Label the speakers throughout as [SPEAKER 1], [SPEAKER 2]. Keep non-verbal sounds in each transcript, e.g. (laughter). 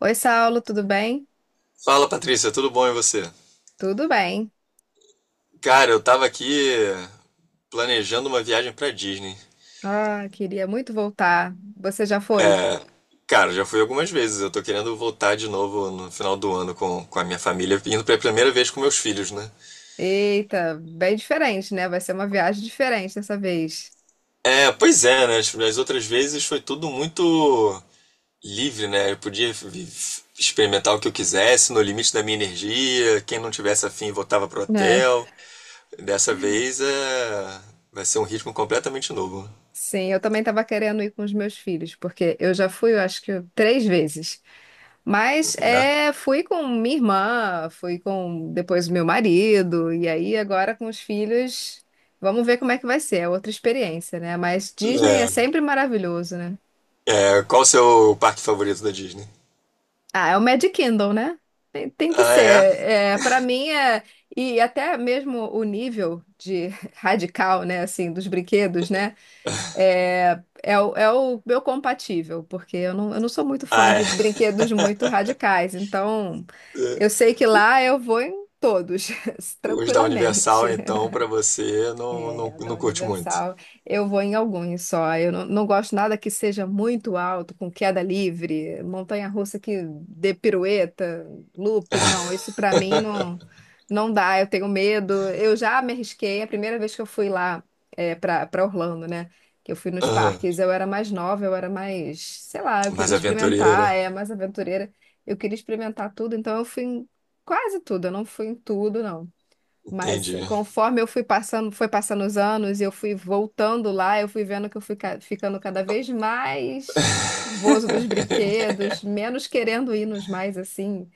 [SPEAKER 1] Oi, Saulo, tudo bem?
[SPEAKER 2] Fala, Patrícia, tudo bom e você?
[SPEAKER 1] Tudo bem.
[SPEAKER 2] Cara, eu tava aqui planejando uma viagem pra Disney.
[SPEAKER 1] Ah, queria muito voltar. Você já foi?
[SPEAKER 2] Cara, já fui algumas vezes, eu tô querendo voltar de novo no final do ano com a minha família, indo pela primeira vez com meus filhos, né?
[SPEAKER 1] Eita, bem diferente, né? Vai ser uma viagem diferente dessa vez.
[SPEAKER 2] É, pois é, né? As outras vezes foi tudo muito livre, né? Eu podia experimentar o que eu quisesse, no limite da minha energia. Quem não tivesse afim voltava pro
[SPEAKER 1] É,
[SPEAKER 2] hotel. Dessa vez é... vai ser um ritmo completamente novo.
[SPEAKER 1] sim, eu também estava querendo ir com os meus filhos, porque eu já fui, eu acho que três vezes. Mas
[SPEAKER 2] É.
[SPEAKER 1] é, fui com minha irmã, fui com depois o meu marido, e aí agora com os filhos, vamos ver como é que vai ser. É outra experiência, né? Mas Disney é sempre maravilhoso, né?
[SPEAKER 2] É, qual o seu parque favorito da Disney?
[SPEAKER 1] Ah, é o Mad Kindle, né? Tem que
[SPEAKER 2] Ah,
[SPEAKER 1] ser.
[SPEAKER 2] é?
[SPEAKER 1] É, para mim é. E até mesmo o nível de (laughs) radical, né? Assim, dos brinquedos, né? É o meu compatível, porque eu não sou muito fã
[SPEAKER 2] Ah, é.
[SPEAKER 1] de brinquedos muito radicais. Então, eu
[SPEAKER 2] (laughs)
[SPEAKER 1] sei que lá eu vou em todos, (laughs)
[SPEAKER 2] Os da
[SPEAKER 1] tranquilamente.
[SPEAKER 2] Universal, então, pra você, não, não,
[SPEAKER 1] É, da
[SPEAKER 2] não curte muito.
[SPEAKER 1] Universal. Eu vou em alguns só. Eu não gosto nada que seja muito alto, com queda livre, montanha-russa que dê pirueta, looping. Não, isso pra mim não dá. Eu tenho medo. Eu já me arrisquei. A primeira vez que eu fui lá é, para Orlando, né? Que eu fui nos
[SPEAKER 2] Aham.
[SPEAKER 1] parques, eu era mais nova, eu era mais, sei lá, eu queria
[SPEAKER 2] Mais aventureira.
[SPEAKER 1] experimentar, é mais aventureira. Eu queria experimentar tudo, então eu fui em quase tudo. Eu não fui em tudo, não. Mas
[SPEAKER 2] Entendi.
[SPEAKER 1] conforme eu fui passando, foi passando os anos e eu fui voltando lá, eu fui vendo que eu fui ficando cada vez mais nervoso dos brinquedos, menos querendo ir nos mais assim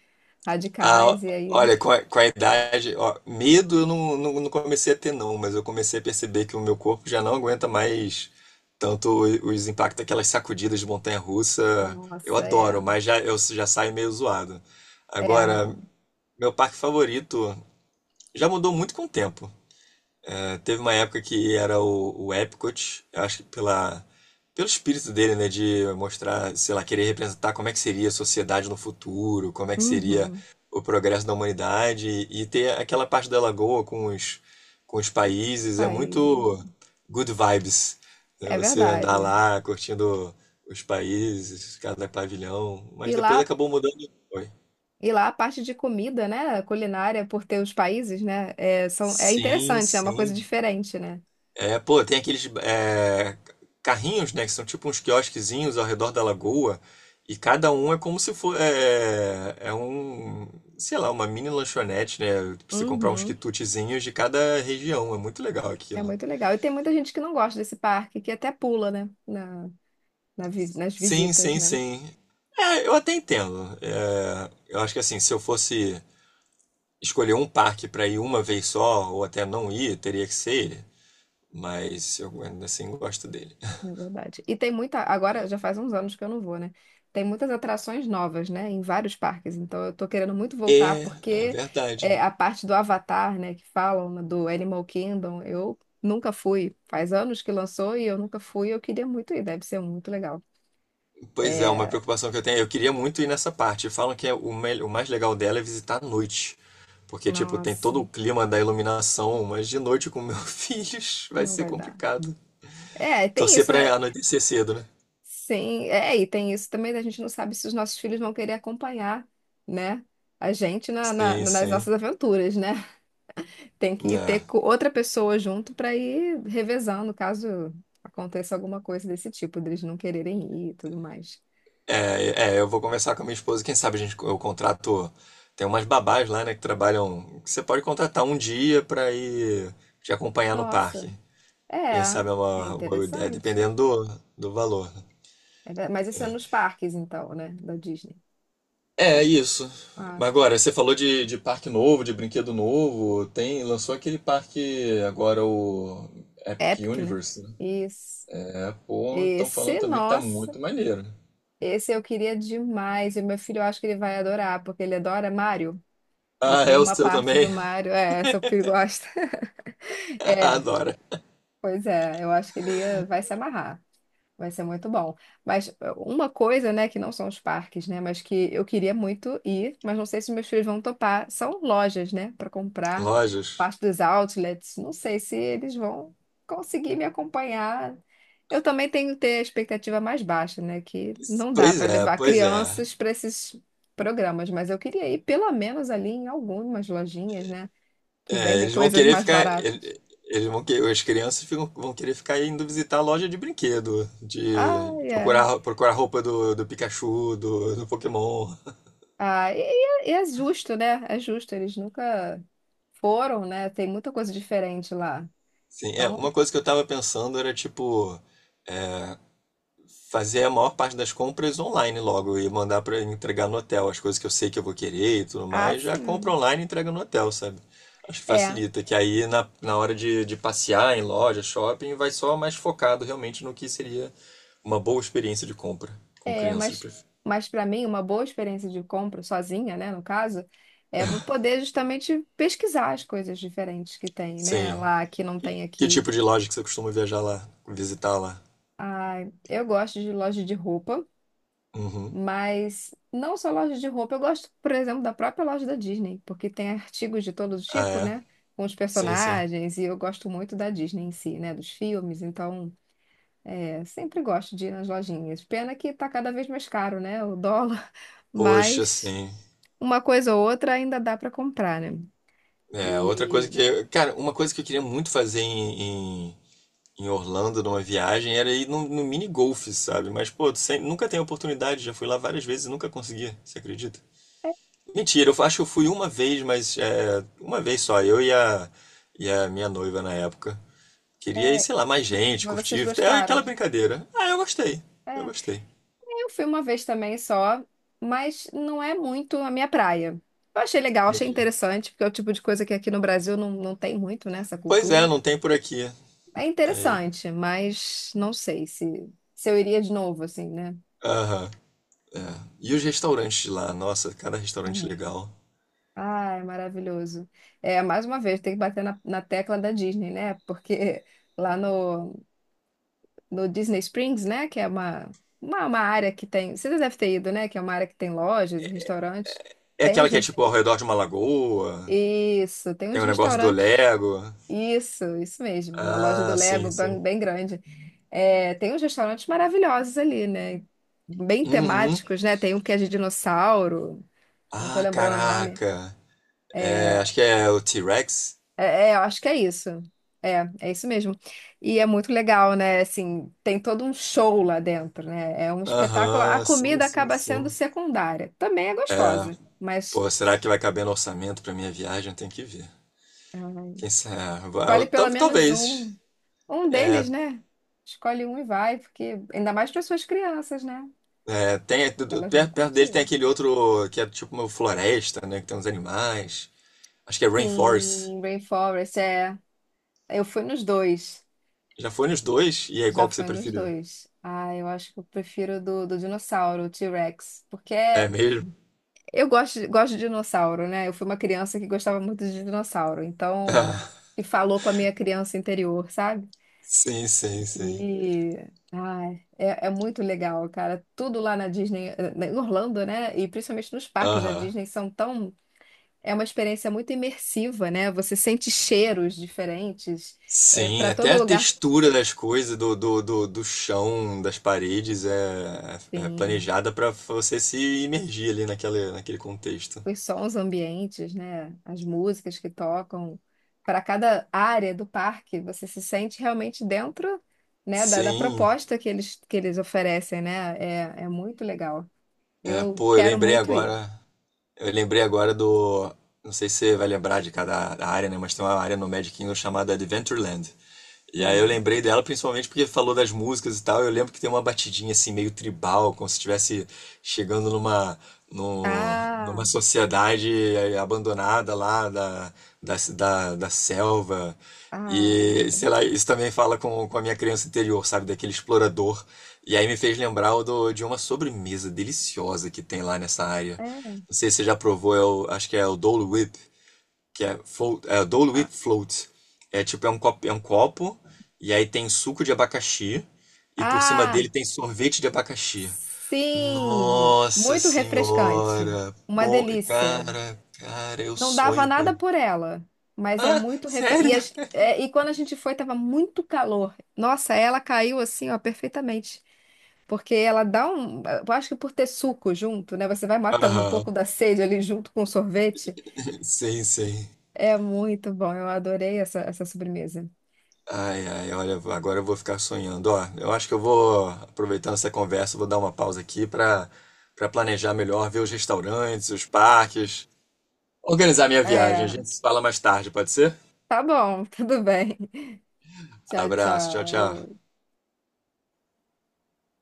[SPEAKER 2] Ah,
[SPEAKER 1] radicais. E aí,
[SPEAKER 2] olha, com a idade, ó, medo eu não, não comecei a ter, não, mas eu comecei a perceber que o meu corpo já não aguenta mais tanto os impactos aquelas sacudidas de montanha-russa. Eu
[SPEAKER 1] nossa, é,
[SPEAKER 2] adoro, mas já, eu já saio meio zoado.
[SPEAKER 1] é,
[SPEAKER 2] Agora,
[SPEAKER 1] não.
[SPEAKER 2] meu parque favorito já mudou muito com o tempo. Teve uma época que era o Epcot, eu acho que pela, pelo espírito dele, né, de mostrar, sei lá, querer representar como é que seria a sociedade no futuro, como é que seria
[SPEAKER 1] Uhum.
[SPEAKER 2] o progresso da humanidade e ter aquela parte da lagoa com os
[SPEAKER 1] Os
[SPEAKER 2] países, é
[SPEAKER 1] Países,
[SPEAKER 2] muito
[SPEAKER 1] é.
[SPEAKER 2] good vibes, né,
[SPEAKER 1] É
[SPEAKER 2] você andar
[SPEAKER 1] verdade.
[SPEAKER 2] lá curtindo os países, cada pavilhão, mas
[SPEAKER 1] E
[SPEAKER 2] depois
[SPEAKER 1] lá,
[SPEAKER 2] acabou mudando. Foi
[SPEAKER 1] e lá a parte de comida, né, culinária, por ter os países, né, é
[SPEAKER 2] Sim,
[SPEAKER 1] interessante, é uma coisa
[SPEAKER 2] sim.
[SPEAKER 1] diferente, né?
[SPEAKER 2] É, pô, tem aqueles é, carrinhos, né, que são tipo uns quiosquezinhos ao redor da lagoa, e cada um é como se fosse, é, é um, sei lá, uma mini lanchonete, né, pra você comprar uns
[SPEAKER 1] Uhum.
[SPEAKER 2] quitutezinhos de cada região, é muito legal
[SPEAKER 1] É
[SPEAKER 2] aquilo.
[SPEAKER 1] muito legal. E tem muita gente que não gosta desse parque, que até pula, né? Na, nas
[SPEAKER 2] Sim,
[SPEAKER 1] visitas,
[SPEAKER 2] sim,
[SPEAKER 1] né?
[SPEAKER 2] sim. É, eu até entendo. É, eu acho que assim, se eu fosse escolher um parque pra ir uma vez só, ou até não ir, teria que ser ele, mas eu ainda assim gosto dele.
[SPEAKER 1] Na verdade. E tem muita. Agora já faz uns anos que eu não vou, né? Tem muitas atrações novas, né? Em vários parques. Então eu tô querendo muito voltar,
[SPEAKER 2] É, é
[SPEAKER 1] porque
[SPEAKER 2] verdade.
[SPEAKER 1] é, a parte do Avatar, né? Que falam né, do Animal Kingdom, eu nunca fui. Faz anos que lançou e eu nunca fui. Eu queria muito ir, deve ser muito legal.
[SPEAKER 2] Pois é, uma
[SPEAKER 1] É,
[SPEAKER 2] preocupação que eu tenho. Eu queria muito ir nessa parte. Falam que é o, o mais legal dela é visitar à noite. Porque, tipo, tem
[SPEAKER 1] nossa,
[SPEAKER 2] todo o clima da iluminação, mas de noite com meus (laughs) filhos vai
[SPEAKER 1] não
[SPEAKER 2] ser
[SPEAKER 1] vai dar.
[SPEAKER 2] complicado.
[SPEAKER 1] É, tem
[SPEAKER 2] Torcer
[SPEAKER 1] isso, né?
[SPEAKER 2] pra anoitecer cedo, né?
[SPEAKER 1] Sim, é, e tem isso também, né, a gente não sabe se os nossos filhos vão querer acompanhar, né, a gente na,
[SPEAKER 2] Sim,
[SPEAKER 1] nas
[SPEAKER 2] sim.
[SPEAKER 1] nossas aventuras, né? (laughs) Tem que ter outra pessoa junto para ir revezando, caso aconteça alguma coisa desse tipo, deles não quererem ir e tudo mais.
[SPEAKER 2] É, eu vou conversar com a minha esposa. Quem sabe a gente, eu contrato. Tem umas babás lá, né, que trabalham. Que Você pode contratar um dia pra ir te acompanhar no
[SPEAKER 1] Nossa,
[SPEAKER 2] parque.
[SPEAKER 1] é,
[SPEAKER 2] Quem sabe é
[SPEAKER 1] é
[SPEAKER 2] uma boa ideia,
[SPEAKER 1] interessante.
[SPEAKER 2] dependendo do valor.
[SPEAKER 1] Mas isso é nos parques, então, né, da Disney.
[SPEAKER 2] É isso.
[SPEAKER 1] Ah,
[SPEAKER 2] Agora, você falou de parque novo, de brinquedo novo. Tem, lançou aquele parque agora, o Epic
[SPEAKER 1] Epic, né?
[SPEAKER 2] Universe. Né?
[SPEAKER 1] Isso.
[SPEAKER 2] É, pô, estão falando
[SPEAKER 1] Esse,
[SPEAKER 2] também que tá
[SPEAKER 1] nossa.
[SPEAKER 2] muito maneiro.
[SPEAKER 1] Esse eu queria demais. E o meu filho, eu acho que ele vai adorar, porque ele adora Mario. E
[SPEAKER 2] Ah, é
[SPEAKER 1] tem
[SPEAKER 2] o
[SPEAKER 1] uma
[SPEAKER 2] seu
[SPEAKER 1] parte
[SPEAKER 2] também?
[SPEAKER 1] do Mario, é, essa o Pi gosta. (laughs)
[SPEAKER 2] (laughs)
[SPEAKER 1] É,
[SPEAKER 2] Adora.
[SPEAKER 1] pois é, eu acho que ele vai se amarrar. Vai ser muito bom. Mas é, uma coisa, né, que não são os parques, né, mas que eu queria muito ir, mas não sei se meus filhos vão topar, são lojas, né, para comprar
[SPEAKER 2] Lojas.
[SPEAKER 1] parte dos outlets. Não sei se eles vão conseguir me acompanhar. Eu também tenho que ter a expectativa mais baixa, né, que não dá
[SPEAKER 2] Pois
[SPEAKER 1] para
[SPEAKER 2] é,
[SPEAKER 1] levar
[SPEAKER 2] pois é.
[SPEAKER 1] crianças para esses programas, mas eu queria ir pelo menos ali em algumas lojinhas, né? que
[SPEAKER 2] É,
[SPEAKER 1] vendem
[SPEAKER 2] eles vão
[SPEAKER 1] coisas
[SPEAKER 2] querer
[SPEAKER 1] mais
[SPEAKER 2] ficar.
[SPEAKER 1] baratas.
[SPEAKER 2] Eles vão que, as crianças vão querer ficar indo visitar a loja de brinquedo,
[SPEAKER 1] Ah,
[SPEAKER 2] de
[SPEAKER 1] é.
[SPEAKER 2] procurar, procurar roupa do Pikachu, do Pokémon.
[SPEAKER 1] Ah, e é justo, né? É justo, eles nunca foram, né? Tem muita coisa diferente lá.
[SPEAKER 2] Sim, é, uma
[SPEAKER 1] Então,
[SPEAKER 2] coisa que eu tava pensando era tipo. Fazer a maior parte das compras online logo e mandar para entregar no hotel as coisas que eu sei que eu vou querer e tudo
[SPEAKER 1] ah,
[SPEAKER 2] mais, já compra
[SPEAKER 1] sim.
[SPEAKER 2] online e entrega no hotel, sabe? Acho que
[SPEAKER 1] É,
[SPEAKER 2] facilita, que aí na hora de passear em loja, shopping, vai só mais focado realmente no que seria uma boa experiência de compra com
[SPEAKER 1] é,
[SPEAKER 2] crianças.
[SPEAKER 1] mas para mim, uma boa experiência de compra, sozinha, né, no caso, é eu poder justamente pesquisar as coisas diferentes que tem, né?
[SPEAKER 2] Sim.
[SPEAKER 1] Lá que não
[SPEAKER 2] Que,
[SPEAKER 1] tem
[SPEAKER 2] que
[SPEAKER 1] aqui.
[SPEAKER 2] tipo de loja que você costuma viajar lá, visitar lá?
[SPEAKER 1] Ah, eu gosto de loja de roupa.
[SPEAKER 2] Uhum.
[SPEAKER 1] Mas não só loja de roupa, eu gosto, por exemplo, da própria loja da Disney, porque tem artigos de todo
[SPEAKER 2] Ah,
[SPEAKER 1] tipo,
[SPEAKER 2] é?
[SPEAKER 1] né? Com os
[SPEAKER 2] Sim, sim.
[SPEAKER 1] personagens, e eu gosto muito da Disney em si, né? Dos filmes, então é, sempre gosto de ir nas lojinhas. Pena que tá cada vez mais caro, né? O dólar, (laughs)
[SPEAKER 2] Poxa,
[SPEAKER 1] mas
[SPEAKER 2] sim.
[SPEAKER 1] uma coisa ou outra ainda dá para comprar, né?
[SPEAKER 2] É, outra coisa
[SPEAKER 1] E
[SPEAKER 2] que. Cara, uma coisa que eu queria muito fazer em Orlando numa viagem era ir no mini golf, sabe? Mas, pô, tu sem- nunca tem oportunidade, já fui lá várias vezes e nunca consegui, você acredita? Mentira, eu acho que eu fui uma vez, mas é, uma vez só, e a minha noiva na época. Queria ir,
[SPEAKER 1] é,
[SPEAKER 2] sei lá, mais gente,
[SPEAKER 1] mas vocês
[SPEAKER 2] curtir, até aquela
[SPEAKER 1] gostaram?
[SPEAKER 2] brincadeira. Ah, eu gostei, eu
[SPEAKER 1] É.
[SPEAKER 2] gostei.
[SPEAKER 1] Eu fui uma vez também só, mas não é muito a minha praia. Eu achei legal, achei
[SPEAKER 2] Entendi.
[SPEAKER 1] interessante, porque é o tipo de coisa que aqui no Brasil não tem muito, né, essa
[SPEAKER 2] Pois é,
[SPEAKER 1] cultura.
[SPEAKER 2] não tem por aqui.
[SPEAKER 1] É
[SPEAKER 2] Aí,
[SPEAKER 1] interessante, mas não sei se, se eu iria de novo, assim, né?
[SPEAKER 2] aham. E os restaurantes de lá? Nossa, cada restaurante
[SPEAKER 1] É.
[SPEAKER 2] legal.
[SPEAKER 1] Ah, é maravilhoso. É, mais uma vez, tem que bater na, na tecla da Disney, né? Porque lá no, no Disney Springs, né, que é uma área que tem... Você deve ter ido, né? Que é uma área que tem lojas e restaurantes.
[SPEAKER 2] É
[SPEAKER 1] Tem
[SPEAKER 2] aquela
[SPEAKER 1] os,
[SPEAKER 2] que é
[SPEAKER 1] res-
[SPEAKER 2] tipo ao redor de uma lagoa,
[SPEAKER 1] Isso, tem
[SPEAKER 2] tem
[SPEAKER 1] uns
[SPEAKER 2] o negócio do
[SPEAKER 1] restaurantes.
[SPEAKER 2] Lego.
[SPEAKER 1] Isso mesmo. Uma loja do
[SPEAKER 2] Ah,
[SPEAKER 1] Lego
[SPEAKER 2] sim,
[SPEAKER 1] bem,
[SPEAKER 2] sim.
[SPEAKER 1] bem grande. É, tem uns restaurantes maravilhosos ali, né? Bem
[SPEAKER 2] Uhum.
[SPEAKER 1] temáticos, né? Tem um que é de dinossauro, não tô
[SPEAKER 2] Ah,
[SPEAKER 1] lembrando o nome.
[SPEAKER 2] caraca.
[SPEAKER 1] É,
[SPEAKER 2] É, acho que é o T-Rex.
[SPEAKER 1] é, é, eu acho que é isso. É, é isso mesmo. E é muito legal, né? Assim, tem todo um show lá dentro, né? É um espetáculo. A
[SPEAKER 2] Aham, sim,
[SPEAKER 1] comida
[SPEAKER 2] sim,
[SPEAKER 1] acaba sendo
[SPEAKER 2] sim.
[SPEAKER 1] secundária. Também é gostosa, mas
[SPEAKER 2] Pô, será que vai caber no orçamento pra minha viagem? Tem que ver.
[SPEAKER 1] ai,
[SPEAKER 2] Quem sabe?
[SPEAKER 1] escolhe pelo menos
[SPEAKER 2] Talvez.
[SPEAKER 1] um. Um
[SPEAKER 2] É,
[SPEAKER 1] deles, né? Escolhe um e vai, porque ainda mais para suas crianças, né?
[SPEAKER 2] é, tem, perto,
[SPEAKER 1] Elas vão
[SPEAKER 2] perto dele tem
[SPEAKER 1] curtir.
[SPEAKER 2] aquele outro que é tipo uma floresta, né? Que tem uns animais. Acho que é Rainforest.
[SPEAKER 1] Sim, Rainforest, é. Eu fui nos dois.
[SPEAKER 2] Já foi nos dois? E aí,
[SPEAKER 1] Já
[SPEAKER 2] qual que você
[SPEAKER 1] fui nos
[SPEAKER 2] preferiu?
[SPEAKER 1] dois. Ah, eu acho que eu prefiro do, do dinossauro, o T-Rex.
[SPEAKER 2] É mesmo? (laughs)
[SPEAKER 1] Eu gosto, gosto de dinossauro, né? Eu fui uma criança que gostava muito de dinossauro. Então,
[SPEAKER 2] Ah,
[SPEAKER 1] que falou com a minha criança interior, sabe?
[SPEAKER 2] sim, sim, sim.
[SPEAKER 1] E, ai, é, é muito legal, cara. Tudo lá na Disney, em Orlando, né? E principalmente nos parques da
[SPEAKER 2] Aham.
[SPEAKER 1] Disney são tão. É uma experiência muito imersiva, né? Você sente cheiros diferentes, é,
[SPEAKER 2] Sim,
[SPEAKER 1] para
[SPEAKER 2] até
[SPEAKER 1] todo
[SPEAKER 2] a
[SPEAKER 1] lugar
[SPEAKER 2] textura das coisas, do chão, das paredes, é, é
[SPEAKER 1] tem
[SPEAKER 2] planejada para você se imergir ali naquele, naquele contexto.
[SPEAKER 1] os sons ambientes, né? As músicas que tocam. Para cada área do parque, você se sente realmente dentro, né? Da, da
[SPEAKER 2] Sim,
[SPEAKER 1] proposta que eles oferecem, né? É, é muito legal.
[SPEAKER 2] é,
[SPEAKER 1] Eu
[SPEAKER 2] pô, eu
[SPEAKER 1] quero
[SPEAKER 2] lembrei
[SPEAKER 1] muito ir.
[SPEAKER 2] agora. Eu lembrei agora do. Não sei se você vai lembrar de cada área, né? Mas tem uma área no Magic Kingdom chamada Adventureland. E aí eu
[SPEAKER 1] Hum.
[SPEAKER 2] lembrei dela principalmente porque falou das músicas e tal. Eu lembro que tem uma batidinha assim meio tribal, como se estivesse chegando numa numa
[SPEAKER 1] Ah.
[SPEAKER 2] sociedade abandonada lá da, da selva.
[SPEAKER 1] Ah,
[SPEAKER 2] E sei lá, isso também fala com a minha criança interior, sabe? Daquele explorador. E aí me fez lembrar de uma sobremesa deliciosa que tem lá nessa área.
[SPEAKER 1] é.
[SPEAKER 2] Não sei se você já provou, é acho que é o Dole Whip que é, float, é Dole with
[SPEAKER 1] Ah,
[SPEAKER 2] Float. É tipo, é um copo, e aí tem suco de abacaxi, e por cima
[SPEAKER 1] ah,
[SPEAKER 2] dele tem sorvete de abacaxi.
[SPEAKER 1] sim!
[SPEAKER 2] Nossa
[SPEAKER 1] Muito refrescante.
[SPEAKER 2] senhora!
[SPEAKER 1] Uma
[SPEAKER 2] Bom,
[SPEAKER 1] delícia.
[SPEAKER 2] cara, cara, eu
[SPEAKER 1] Não dava
[SPEAKER 2] sonho com
[SPEAKER 1] nada
[SPEAKER 2] isso.
[SPEAKER 1] por ela, mas é
[SPEAKER 2] Ah,
[SPEAKER 1] muito refrescante.
[SPEAKER 2] sério?
[SPEAKER 1] E, é, e quando a gente foi, tava muito calor. Nossa, ela caiu assim, ó, perfeitamente. Porque ela dá um. Eu acho que por ter suco junto, né? Você vai matando um
[SPEAKER 2] Aham,
[SPEAKER 1] pouco da sede ali junto com o sorvete.
[SPEAKER 2] sim, sim.
[SPEAKER 1] É muito bom. Eu adorei essa, essa sobremesa.
[SPEAKER 2] Ai, ai, olha, agora eu vou ficar sonhando. Ó, eu acho que eu vou, aproveitando essa conversa, vou dar uma pausa aqui para para planejar melhor, ver os restaurantes, os parques. Organizar minha viagem. A
[SPEAKER 1] É,
[SPEAKER 2] gente se fala mais tarde, pode ser?
[SPEAKER 1] tá bom, (laughs) tudo bem. Tchau,
[SPEAKER 2] Abraço, tchau, tchau.
[SPEAKER 1] tchau.